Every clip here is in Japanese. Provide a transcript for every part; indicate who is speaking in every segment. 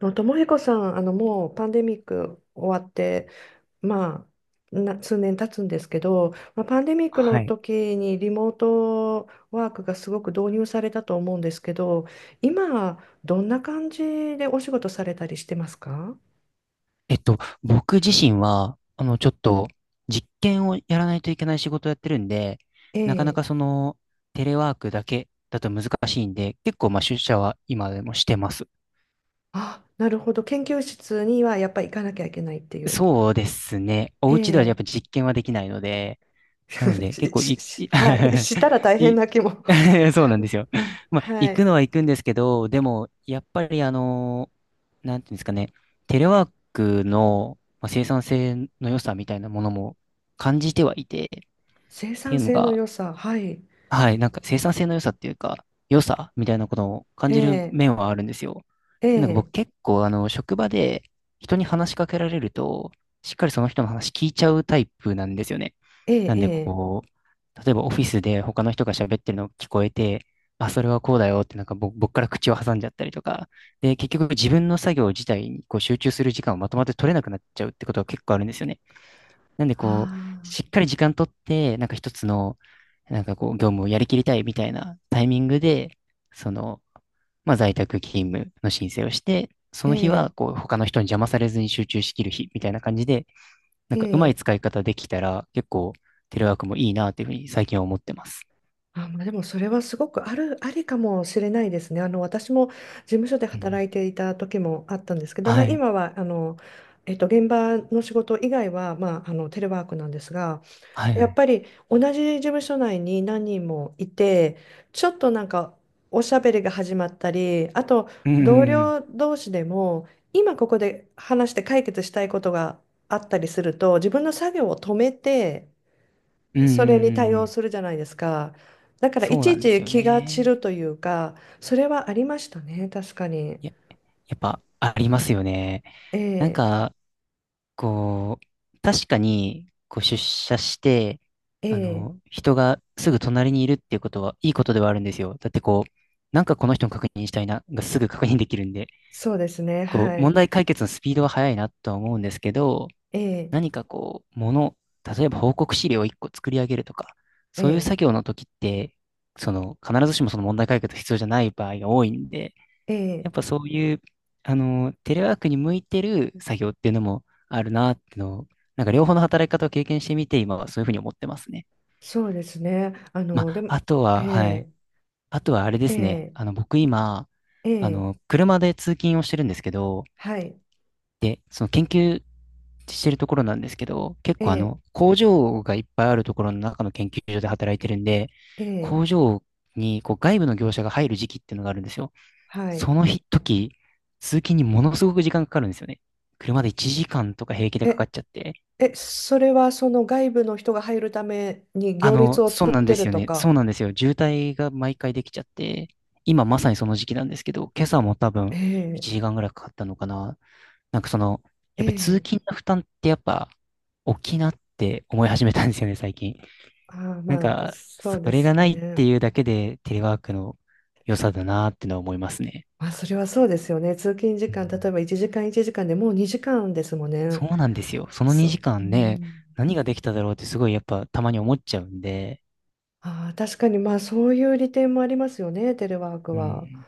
Speaker 1: のともひこさん、もうパンデミック終わって、まな数年経つんですけど、パンデミックの
Speaker 2: はい。
Speaker 1: 時にリモートワークがすごく導入されたと思うんですけど、今、どんな感じでお仕事されたりしてますか？
Speaker 2: えっと、僕自身は、ちょっと、実験をやらないといけない仕事をやってるんで、
Speaker 1: え
Speaker 2: なかな
Speaker 1: え。
Speaker 2: かその、テレワークだけだと難しいんで、結構、まあ、出社は今でもしてます。
Speaker 1: あ、なるほど。研究室にはやっぱり行かなきゃいけないっていう。
Speaker 2: そうですね。お
Speaker 1: え
Speaker 2: 家ではやっ
Speaker 1: え。
Speaker 2: ぱ実験はできないので、なの で、結
Speaker 1: し、
Speaker 2: 構
Speaker 1: し、
Speaker 2: い、
Speaker 1: し
Speaker 2: い、
Speaker 1: はい。したら 大変
Speaker 2: い
Speaker 1: な気も。
Speaker 2: そうなんですよ。まあ、
Speaker 1: は
Speaker 2: 行
Speaker 1: い。
Speaker 2: くのは行くんですけど、でも、やっぱりなんていうんですかね、テレワークの、まあ、生産性の良さみたいなものも感じてはいて、っ
Speaker 1: 生
Speaker 2: てい
Speaker 1: 産
Speaker 2: うの
Speaker 1: 性の
Speaker 2: が、
Speaker 1: 良さ。はい。
Speaker 2: はい、なんか生産性の良さっていうか、良さみたいなことを感
Speaker 1: え
Speaker 2: じる
Speaker 1: え。
Speaker 2: 面はあるんですよ。っ
Speaker 1: え
Speaker 2: ていうのが僕
Speaker 1: え。
Speaker 2: 結構あの職場で人に話しかけられると、しっかりその人の話聞いちゃうタイプなんですよね。
Speaker 1: ええ、
Speaker 2: なん
Speaker 1: え
Speaker 2: で
Speaker 1: え、
Speaker 2: こう、例えばオフィスで他の人が喋ってるの聞こえて、あ、それはこうだよってなんか僕から口を挟んじゃったりとか、で、結局自分の作業自体にこう集中する時間をまとまって取れなくなっちゃうってことが結構あるんですよね。なんで
Speaker 1: あ
Speaker 2: こう、
Speaker 1: あ、
Speaker 2: しっかり時間取って、なんか一つの、なんかこう、業務をやりきりたいみたいなタイミングで、その、まあ在宅勤務の申請をして、そ
Speaker 1: え
Speaker 2: の日は
Speaker 1: え、
Speaker 2: こう、他の人に邪魔されずに集中しきる日みたいな感じで、な
Speaker 1: え
Speaker 2: んかうまい
Speaker 1: え、
Speaker 2: 使い方できたら、結構テレワークもいいなっていうふうに最近は思ってます。
Speaker 1: あ、でもそれはすごくある、ありかもしれないですね。私も事務所で
Speaker 2: うん。
Speaker 1: 働いていた時もあったんですけど、
Speaker 2: はい。
Speaker 1: 今は、現場の仕事以外は、テレワークなんですが、
Speaker 2: はい
Speaker 1: や
Speaker 2: は
Speaker 1: っ
Speaker 2: い。
Speaker 1: ぱり同じ事務所内に何人もいて、ちょっとなんかおしゃべりが始まったり、あと
Speaker 2: うんう
Speaker 1: 同
Speaker 2: んうん。
Speaker 1: 僚同士でも、今ここで話して解決したいことがあったりすると、自分の作業を止めて、
Speaker 2: うんうん
Speaker 1: それに対
Speaker 2: う
Speaker 1: 応
Speaker 2: ん。
Speaker 1: するじゃないですか。だからい
Speaker 2: そう
Speaker 1: ち
Speaker 2: な
Speaker 1: い
Speaker 2: んです
Speaker 1: ち
Speaker 2: よ
Speaker 1: 気が散る
Speaker 2: ね。
Speaker 1: というか、それはありましたね、確かに。
Speaker 2: いや、やっぱありますよね。
Speaker 1: え
Speaker 2: なん
Speaker 1: え、
Speaker 2: か、こう、確かに、こう出社して、
Speaker 1: え
Speaker 2: あ
Speaker 1: え、
Speaker 2: の、人がすぐ隣にいるっていうことは、いいことではあるんですよ。だってこう、なんかこの人の確認したいな、がすぐ確認できるんで、
Speaker 1: そうですね、
Speaker 2: こ
Speaker 1: は
Speaker 2: う、問
Speaker 1: い。
Speaker 2: 題解決のスピードは速いなとは思うんですけど、
Speaker 1: ええ、
Speaker 2: 何かこう、もの、例えば報告資料を1個作り上げるとか、
Speaker 1: え
Speaker 2: そういう
Speaker 1: え、
Speaker 2: 作業の時って、その、必ずしもその問題解決が必要じゃない場合が多いんで、
Speaker 1: え
Speaker 2: や
Speaker 1: え、
Speaker 2: っぱそういう、あの、テレワークに向いてる作業っていうのもあるなっていうのを、なんか両方の働き方を経験してみて、今はそういうふうに思ってますね。
Speaker 1: そうですね。
Speaker 2: ま
Speaker 1: で
Speaker 2: あ、
Speaker 1: も、
Speaker 2: あと
Speaker 1: え
Speaker 2: は、はい。
Speaker 1: え
Speaker 2: あとはあれで
Speaker 1: え
Speaker 2: すね。
Speaker 1: え、
Speaker 2: あの、僕今、
Speaker 1: え
Speaker 2: あ
Speaker 1: え、
Speaker 2: の、車で通勤をしてるんですけど、
Speaker 1: はい、
Speaker 2: で、その研究してるところなんですけど、結
Speaker 1: え
Speaker 2: 構あ
Speaker 1: え、
Speaker 2: の、工場がいっぱいあるところの中の研究所で働いてるんで、
Speaker 1: ええ、
Speaker 2: 工場にこう外部の業者が入る時期っていうのがあるんですよ。
Speaker 1: は
Speaker 2: そ
Speaker 1: い。
Speaker 2: の日時、通勤にものすごく時間かかるんですよね。車で1時間とか平気でかか
Speaker 1: え、
Speaker 2: っちゃって。
Speaker 1: え、それはその外部の人が入るために
Speaker 2: あ
Speaker 1: 行列
Speaker 2: の、
Speaker 1: を
Speaker 2: そう
Speaker 1: 作っ
Speaker 2: なんで
Speaker 1: て
Speaker 2: す
Speaker 1: る
Speaker 2: よ
Speaker 1: と
Speaker 2: ね。そう
Speaker 1: か。
Speaker 2: なんですよ。渋滞が毎回できちゃって、今まさにその時期なんですけど、今朝も多
Speaker 1: え
Speaker 2: 分
Speaker 1: え、
Speaker 2: 1時間ぐらいかかったのかな。なんかその、
Speaker 1: え
Speaker 2: やっぱり通
Speaker 1: え、
Speaker 2: 勤の負担ってやっぱ大きいなって思い始めたんですよね、最近。
Speaker 1: ああ、
Speaker 2: なんか、
Speaker 1: そ
Speaker 2: そ
Speaker 1: うで
Speaker 2: れが
Speaker 1: す
Speaker 2: ないって
Speaker 1: ね。
Speaker 2: いうだけでテレワークの良さだなってのは思いますね。
Speaker 1: それはそうですよね。通勤時
Speaker 2: うん。
Speaker 1: 間、例えば1時間1時間でもう2時間ですもんね。
Speaker 2: そうなんですよ。その
Speaker 1: そ
Speaker 2: 2
Speaker 1: う、
Speaker 2: 時
Speaker 1: う
Speaker 2: 間で
Speaker 1: ん。
Speaker 2: 何ができただろうってすごいやっぱたまに思っちゃうんで。
Speaker 1: ああ、確かに、そういう利点もありますよね、テレワーク
Speaker 2: う
Speaker 1: は。
Speaker 2: ん。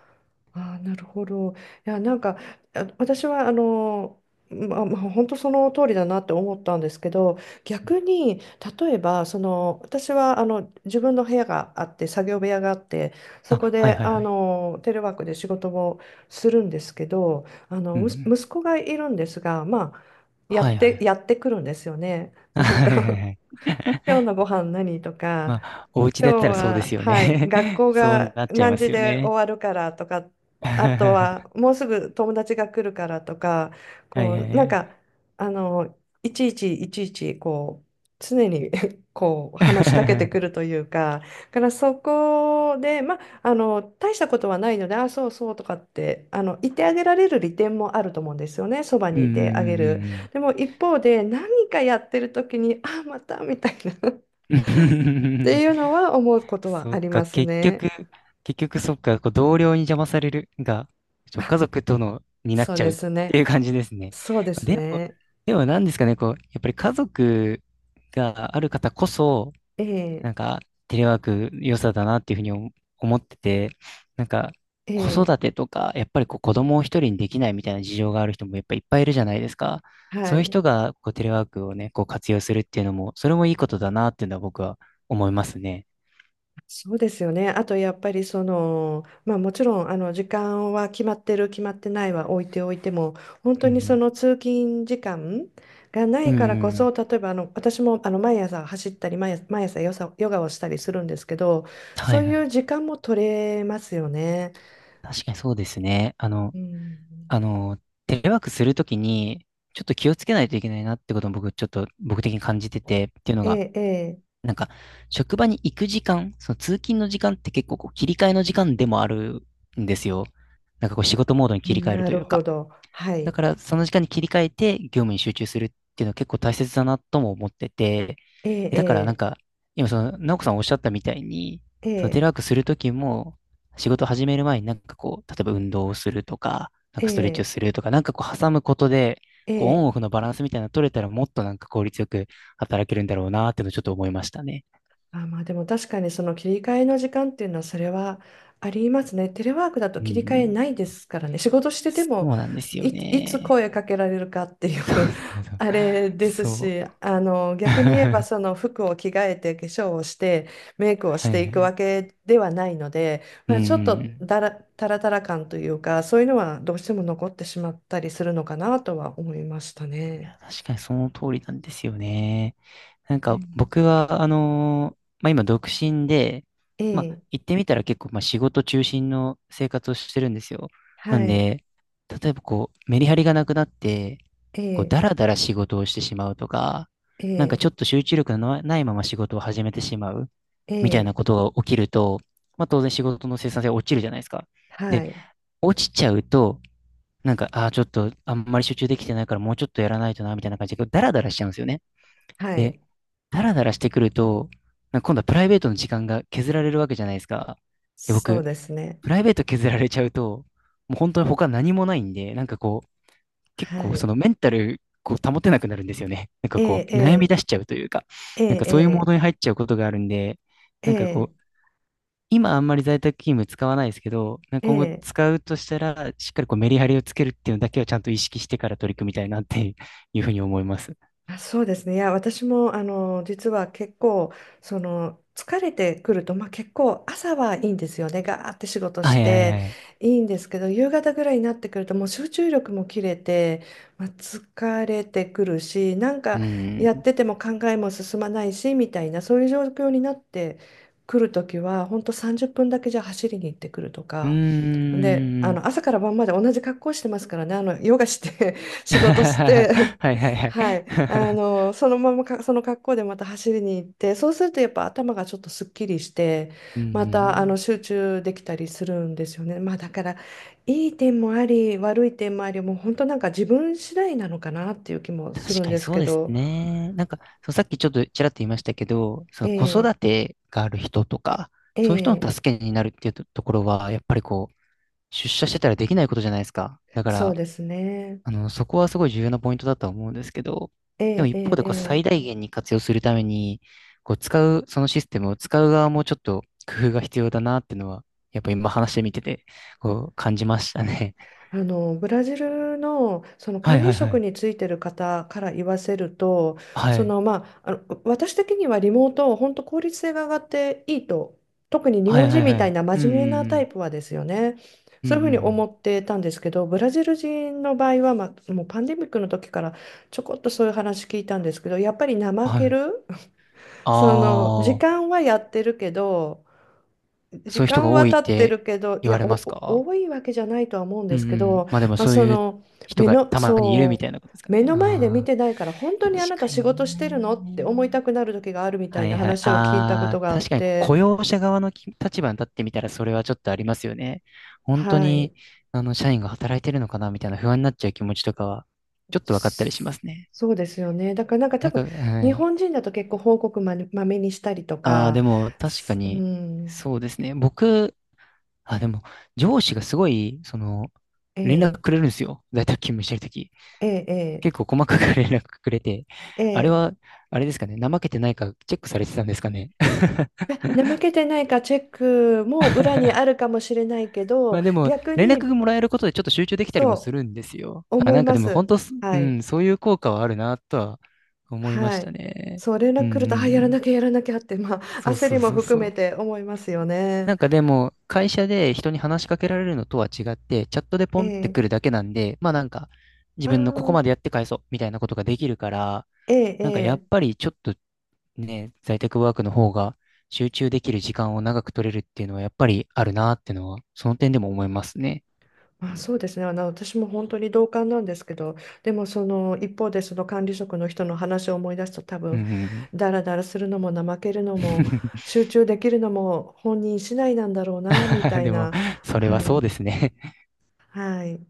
Speaker 1: ああ、なるほど。いや、なんか、あ、私は、本当その通りだなって思ったんですけど、逆に、例えば、その、私は、自分の部屋があって、作業部屋があって、そこ
Speaker 2: あ、はい
Speaker 1: で、
Speaker 2: はいはい。
Speaker 1: テレワークで仕事もするんですけど、
Speaker 2: うんう
Speaker 1: むす
Speaker 2: ん。
Speaker 1: 息子がいるんですが、や
Speaker 2: は
Speaker 1: っ
Speaker 2: いは
Speaker 1: て、
Speaker 2: い。
Speaker 1: やってくるんですよね。
Speaker 2: は
Speaker 1: なん
Speaker 2: いはい
Speaker 1: か、
Speaker 2: はい。
Speaker 1: 今日のご 飯何とか、
Speaker 2: まあ、お家
Speaker 1: 今
Speaker 2: だ
Speaker 1: 日
Speaker 2: ったらそうで
Speaker 1: は、
Speaker 2: すよ
Speaker 1: はい、
Speaker 2: ね。
Speaker 1: 学 校
Speaker 2: そう
Speaker 1: が
Speaker 2: なっちゃい
Speaker 1: 何
Speaker 2: ま
Speaker 1: 時
Speaker 2: すよ
Speaker 1: で終
Speaker 2: ね。
Speaker 1: わるからとか、あと
Speaker 2: は
Speaker 1: はもうすぐ友達が来るからとか、
Speaker 2: いは
Speaker 1: こ
Speaker 2: い
Speaker 1: う、な
Speaker 2: は
Speaker 1: ん
Speaker 2: い。
Speaker 1: か、あの、いちいち、こう、常に、 こう、話しかけてくるというか、だからそこで、大したことはないので、あ、そうそうとかって、言ってあげられる利点もあると思うんですよね、そば
Speaker 2: うん
Speaker 1: にいてあげる。
Speaker 2: うん
Speaker 1: でも一方で、何かやってる時に、あ、またみたいな。っ
Speaker 2: うんう
Speaker 1: て
Speaker 2: ん。
Speaker 1: いう のは思うことは
Speaker 2: そ
Speaker 1: あ
Speaker 2: っ
Speaker 1: り
Speaker 2: か、
Speaker 1: ます
Speaker 2: 結
Speaker 1: ね。
Speaker 2: 局、結局そっか、こう同僚に邪魔されるが、ちょ、
Speaker 1: あ、
Speaker 2: 家族との、になっ
Speaker 1: そう
Speaker 2: ちゃ
Speaker 1: で
Speaker 2: うっ
Speaker 1: す
Speaker 2: てい
Speaker 1: ね。
Speaker 2: う感じですね。
Speaker 1: そうです
Speaker 2: でも、
Speaker 1: ね。
Speaker 2: でも何ですかね、こう、やっぱり家族がある方こそ、
Speaker 1: ええ、
Speaker 2: なんか、テレワーク良さだなっていうふうに思ってて、なんか、
Speaker 1: え
Speaker 2: 子
Speaker 1: え、
Speaker 2: 育てとか、やっぱりこう子供を一人にできないみたいな事情がある人もやっぱいっぱいいるじゃないですか。
Speaker 1: は
Speaker 2: そういう
Speaker 1: い。
Speaker 2: 人がこうテレワークをね、こう活用するっていうのも、それもいいことだなっていうのは僕は思いますね。
Speaker 1: そうですよね。あとやっぱりその、まあもちろんあの時間は決まってる決まってないは置いておいても、本
Speaker 2: う
Speaker 1: 当にそ
Speaker 2: ん
Speaker 1: の通勤時間がな
Speaker 2: うん
Speaker 1: い
Speaker 2: う
Speaker 1: か
Speaker 2: ん
Speaker 1: らこ
Speaker 2: う
Speaker 1: そ、
Speaker 2: ん。
Speaker 1: 例えばあの私もあの毎朝走ったり毎朝ヨサヨガをしたりするんですけど、
Speaker 2: は
Speaker 1: そ
Speaker 2: い
Speaker 1: う
Speaker 2: は
Speaker 1: い
Speaker 2: い。
Speaker 1: う時間も取れますよね。
Speaker 2: 確かにそうですね。あの、
Speaker 1: うん、
Speaker 2: あの、テレワークするときに、ちょっと気をつけないといけないなってことも僕、ちょっと僕的に感じてて、っていうのが、
Speaker 1: ええ、ええ、
Speaker 2: なんか、職場に行く時間、その通勤の時間って結構こう切り替えの時間でもあるんですよ。なんかこう仕事モードに切り替える
Speaker 1: な
Speaker 2: とい
Speaker 1: る
Speaker 2: うか。
Speaker 1: ほど。は
Speaker 2: だ
Speaker 1: い。
Speaker 2: から、その時間に切り替えて業務に集中するっていうのは結構大切だなとも思ってて、
Speaker 1: え
Speaker 2: で、だからなん
Speaker 1: え、
Speaker 2: か、今その、直子さんおっしゃったみたいに、
Speaker 1: ええ、
Speaker 2: そ
Speaker 1: え
Speaker 2: のテ
Speaker 1: え、
Speaker 2: レワークするときも、仕事始める前になんかこう、例えば運動をするとか、なん
Speaker 1: え
Speaker 2: かストレッチを
Speaker 1: え、
Speaker 2: するとか、なんかこう挟むことで、こうオン
Speaker 1: ええ、
Speaker 2: オフのバランスみたいなの取れたらもっとなんか効率よく働けるんだろうなっていうのをちょっと思いましたね。
Speaker 1: あ、でも確かにその切り替えの時間っていうのはそれはありますね。テレワークだと
Speaker 2: う
Speaker 1: 切り替え
Speaker 2: ん。
Speaker 1: ないですからね。仕事してて
Speaker 2: そ
Speaker 1: も
Speaker 2: うなんですよ
Speaker 1: いつ
Speaker 2: ね。
Speaker 1: 声かけられるかっていう、
Speaker 2: そうそう
Speaker 1: あれです
Speaker 2: そう。そう。
Speaker 1: し、あの逆に言えばそ の服を着替えて化粧をしてメイクをし
Speaker 2: は
Speaker 1: て
Speaker 2: い
Speaker 1: い
Speaker 2: は
Speaker 1: くわ
Speaker 2: い。
Speaker 1: けではないので、
Speaker 2: うん
Speaker 1: ちょっ
Speaker 2: う
Speaker 1: と
Speaker 2: ん。
Speaker 1: だら、タラタラ感というかそういうのはどうしても残ってしまったりするのかなとは思いました
Speaker 2: い
Speaker 1: ね。
Speaker 2: や、確かにその通りなんですよね。なん
Speaker 1: う
Speaker 2: か
Speaker 1: ん、
Speaker 2: 僕は、あのー、まあ、今独身で、
Speaker 1: え
Speaker 2: まあ、
Speaker 1: え、
Speaker 2: 言ってみたら結構、まあ、仕事中心の生活をしてるんですよ。な
Speaker 1: は
Speaker 2: ん
Speaker 1: い、
Speaker 2: で、例えばこう、メリハリがなくなって、
Speaker 1: え
Speaker 2: こう、
Speaker 1: え、
Speaker 2: だらだら仕事をしてしまうとか、
Speaker 1: え
Speaker 2: なんか
Speaker 1: え、
Speaker 2: ちょっと集中力のなないまま仕事を始めてしまう
Speaker 1: え
Speaker 2: みたい
Speaker 1: え。
Speaker 2: なことが起きると、まあ、当然仕事の生産性は落ちるじゃないですか。で、
Speaker 1: はい。
Speaker 2: 落ちちゃうと、なんか、ああ、ちょっと、あんまり集中できてないから、もうちょっとやらないとな、みたいな感じで、ダラダラしちゃうんですよね。
Speaker 1: はい。
Speaker 2: で、ダラダラしてくると、なんか今度はプライベートの時間が削られるわけじゃないですか。で、
Speaker 1: そう
Speaker 2: 僕、
Speaker 1: ですね。
Speaker 2: プライベート削られちゃうと、もう本当に他何もないんで、なんかこう、結
Speaker 1: は
Speaker 2: 構
Speaker 1: い。
Speaker 2: そのメンタル、こう保てなくなるんですよね。なんか
Speaker 1: え
Speaker 2: こう、悩み
Speaker 1: え、
Speaker 2: 出しちゃうというか、
Speaker 1: え
Speaker 2: なん
Speaker 1: え、
Speaker 2: か
Speaker 1: え
Speaker 2: そういうモード
Speaker 1: え、
Speaker 2: に入っちゃうことがあるんで、
Speaker 1: え
Speaker 2: なんかこ
Speaker 1: え、
Speaker 2: う、今あんまり在宅勤務使わないですけど、なんか
Speaker 1: ええ、
Speaker 2: 今後
Speaker 1: え、
Speaker 2: 使うとしたら、しっかりこうメリハリをつけるっていうのだけはちゃんと意識してから取り組みたいなって いうふうに思います。
Speaker 1: あ、そうですね。いや、私も、実は結構、その、疲れてくると、結構朝はいいんですよね。ガーって仕事し
Speaker 2: はいはいは
Speaker 1: て
Speaker 2: い。
Speaker 1: いいんですけど、夕方ぐらいになってくると、もう集中力も切れて、疲れてくるし、なん
Speaker 2: う
Speaker 1: か
Speaker 2: ー
Speaker 1: やっ
Speaker 2: ん。
Speaker 1: てても考えも進まないし、みたいな、そういう状況になってくるときは、本当30分だけじゃ走りに行ってくると
Speaker 2: うー
Speaker 1: か。で、
Speaker 2: ん。
Speaker 1: 朝から晩まで同じ格好してますからね、ヨガして 仕事し
Speaker 2: は
Speaker 1: て
Speaker 2: いはい はい。
Speaker 1: はい。そのままか、その格好でまた走りに行って、そうするとやっぱ頭がちょっとすっきりして、
Speaker 2: う
Speaker 1: またあの
Speaker 2: ん。
Speaker 1: 集中できたりするんですよね。まあだから、いい点もあり、悪い点もあり、もう本当なんか自分次第なのかなっていう気も
Speaker 2: 確
Speaker 1: するん
Speaker 2: かに
Speaker 1: です
Speaker 2: そう
Speaker 1: け
Speaker 2: です
Speaker 1: ど、
Speaker 2: ね。なんか、そうさっきちょっとちらっと言いましたけど、その子
Speaker 1: え
Speaker 2: 育
Speaker 1: え、
Speaker 2: てがある人とか、そういう人
Speaker 1: え
Speaker 2: の
Speaker 1: え、
Speaker 2: 助けになるっていうと、ところは、やっぱりこう、出社してたらできないことじゃないですか。だか
Speaker 1: そ
Speaker 2: ら、
Speaker 1: うですね。
Speaker 2: あの、そこはすごい重要なポイントだとは思うんですけど、
Speaker 1: え
Speaker 2: でも
Speaker 1: えええ
Speaker 2: 一方でこう最
Speaker 1: ええ、
Speaker 2: 大限に活用するために、こう使う、そのシステムを使う側もちょっと工夫が必要だなっていうのは、やっぱ今話してみてて、こう感じましたね。
Speaker 1: あのブラジルの、その
Speaker 2: は
Speaker 1: 管
Speaker 2: い
Speaker 1: 理
Speaker 2: はいは
Speaker 1: 職
Speaker 2: い。
Speaker 1: についてる方から言わせると、
Speaker 2: は
Speaker 1: そ
Speaker 2: い。
Speaker 1: の、私的にはリモート本当効率性が上がっていいと、特に日
Speaker 2: は
Speaker 1: 本
Speaker 2: いは
Speaker 1: 人
Speaker 2: い
Speaker 1: み
Speaker 2: は
Speaker 1: たい
Speaker 2: い。
Speaker 1: な
Speaker 2: うん
Speaker 1: 真面目な
Speaker 2: う
Speaker 1: タイ
Speaker 2: ん
Speaker 1: プはですよね、
Speaker 2: うん。
Speaker 1: そ
Speaker 2: うん
Speaker 1: うい
Speaker 2: う
Speaker 1: う
Speaker 2: ん
Speaker 1: ふう
Speaker 2: う
Speaker 1: に
Speaker 2: ん。
Speaker 1: 思ってたんですけど、ブラジル人の場合は、もうパンデミックの時からちょこっとそういう話聞いたんですけど、やっぱり怠
Speaker 2: は
Speaker 1: け
Speaker 2: い。
Speaker 1: る
Speaker 2: あ
Speaker 1: その時
Speaker 2: あ、
Speaker 1: 間はやってるけど、
Speaker 2: そ
Speaker 1: 時
Speaker 2: ういう人が
Speaker 1: 間
Speaker 2: 多
Speaker 1: は
Speaker 2: いっ
Speaker 1: 経って
Speaker 2: て
Speaker 1: るけど、い
Speaker 2: 言わ
Speaker 1: や、
Speaker 2: れます
Speaker 1: お、
Speaker 2: か。
Speaker 1: お多いわけじゃないとは思うん
Speaker 2: う
Speaker 1: で
Speaker 2: んう
Speaker 1: すけど、
Speaker 2: ん。まあでもそう
Speaker 1: そ
Speaker 2: いう
Speaker 1: の、
Speaker 2: 人
Speaker 1: 目
Speaker 2: が
Speaker 1: の、
Speaker 2: たまにいるみ
Speaker 1: そ
Speaker 2: たいなことですか
Speaker 1: う、目
Speaker 2: ね。
Speaker 1: の前で見
Speaker 2: ああ、
Speaker 1: てないから、本当
Speaker 2: 確
Speaker 1: にあなた
Speaker 2: か
Speaker 1: 仕事
Speaker 2: に
Speaker 1: してるのって思い
Speaker 2: ね。
Speaker 1: たくなる時があるみたい
Speaker 2: は
Speaker 1: な
Speaker 2: いはい。
Speaker 1: 話を聞いたこと
Speaker 2: あ
Speaker 1: が
Speaker 2: あ、
Speaker 1: あっ
Speaker 2: 確かに雇
Speaker 1: て、
Speaker 2: 用者側の立場に立ってみたらそれはちょっとありますよね。本当
Speaker 1: はい。
Speaker 2: に、あの、社員が働いてるのかなみたいな不安になっちゃう気持ちとかは、ちょっと分かったりしますね。
Speaker 1: そうですよね。だからなんか多
Speaker 2: なん
Speaker 1: 分、
Speaker 2: か、
Speaker 1: 日
Speaker 2: はい。
Speaker 1: 本人だと結構報告まめにしたりと
Speaker 2: ああ、
Speaker 1: か、
Speaker 2: でも確か
Speaker 1: すう
Speaker 2: に、
Speaker 1: ん、
Speaker 2: そうですね。僕、あ、でも、上司がすごい、その、
Speaker 1: え
Speaker 2: 連絡
Speaker 1: え
Speaker 2: くれるんですよ。在宅勤務してるとき。
Speaker 1: ええ
Speaker 2: 結構細かく 連絡くれて、
Speaker 1: え
Speaker 2: あれ
Speaker 1: ええ
Speaker 2: は、
Speaker 1: え
Speaker 2: あれですかね。怠けてないかチェックされてたんですかね。
Speaker 1: え、怠けてないかチェックも裏に あるかもしれないけ
Speaker 2: ま
Speaker 1: ど、
Speaker 2: あでも、
Speaker 1: 逆
Speaker 2: 連絡
Speaker 1: に
Speaker 2: がもらえることでちょっと集中できたりもす
Speaker 1: そ
Speaker 2: るんですよ。
Speaker 1: う
Speaker 2: あ、
Speaker 1: 思い
Speaker 2: なんか
Speaker 1: ま
Speaker 2: でも本
Speaker 1: す。
Speaker 2: 当す、う
Speaker 1: はい。
Speaker 2: ん、そういう効果はあるなとは思いま
Speaker 1: は
Speaker 2: した
Speaker 1: い。
Speaker 2: ね。
Speaker 1: そう、連
Speaker 2: うん
Speaker 1: 絡
Speaker 2: う
Speaker 1: 来ると、あ、や
Speaker 2: んう
Speaker 1: らな
Speaker 2: ん。
Speaker 1: きゃやらなきゃって、
Speaker 2: そう
Speaker 1: 焦
Speaker 2: そ
Speaker 1: り
Speaker 2: う
Speaker 1: も
Speaker 2: そう
Speaker 1: 含
Speaker 2: そ
Speaker 1: め
Speaker 2: う。
Speaker 1: て思いますよ
Speaker 2: な
Speaker 1: ね。
Speaker 2: んかでも、会社で人に話しかけられるのとは違って、チャットで
Speaker 1: え
Speaker 2: ポンってく
Speaker 1: え。
Speaker 2: るだけなんで、まあなんか、自
Speaker 1: あ
Speaker 2: 分のここ
Speaker 1: あ、
Speaker 2: までやって返そうみたいなことができるから、
Speaker 1: ええ、え
Speaker 2: なんかやっ
Speaker 1: え。
Speaker 2: ぱりちょっとね、在宅ワークの方が集中できる時間を長く取れるっていうのはやっぱりあるなっていうのは、その点でも思いますね。
Speaker 1: そうですね。私も本当に同感なんですけど、でもその一方でその管理職の人の話を思い出すと多
Speaker 2: うんう
Speaker 1: 分、
Speaker 2: んうん。
Speaker 1: ダラダラするのも怠けるのも 集中できるのも本人次第なんだろうな、み たい
Speaker 2: でも、
Speaker 1: な。
Speaker 2: それは
Speaker 1: は
Speaker 2: そ
Speaker 1: い。
Speaker 2: うですね。
Speaker 1: はい。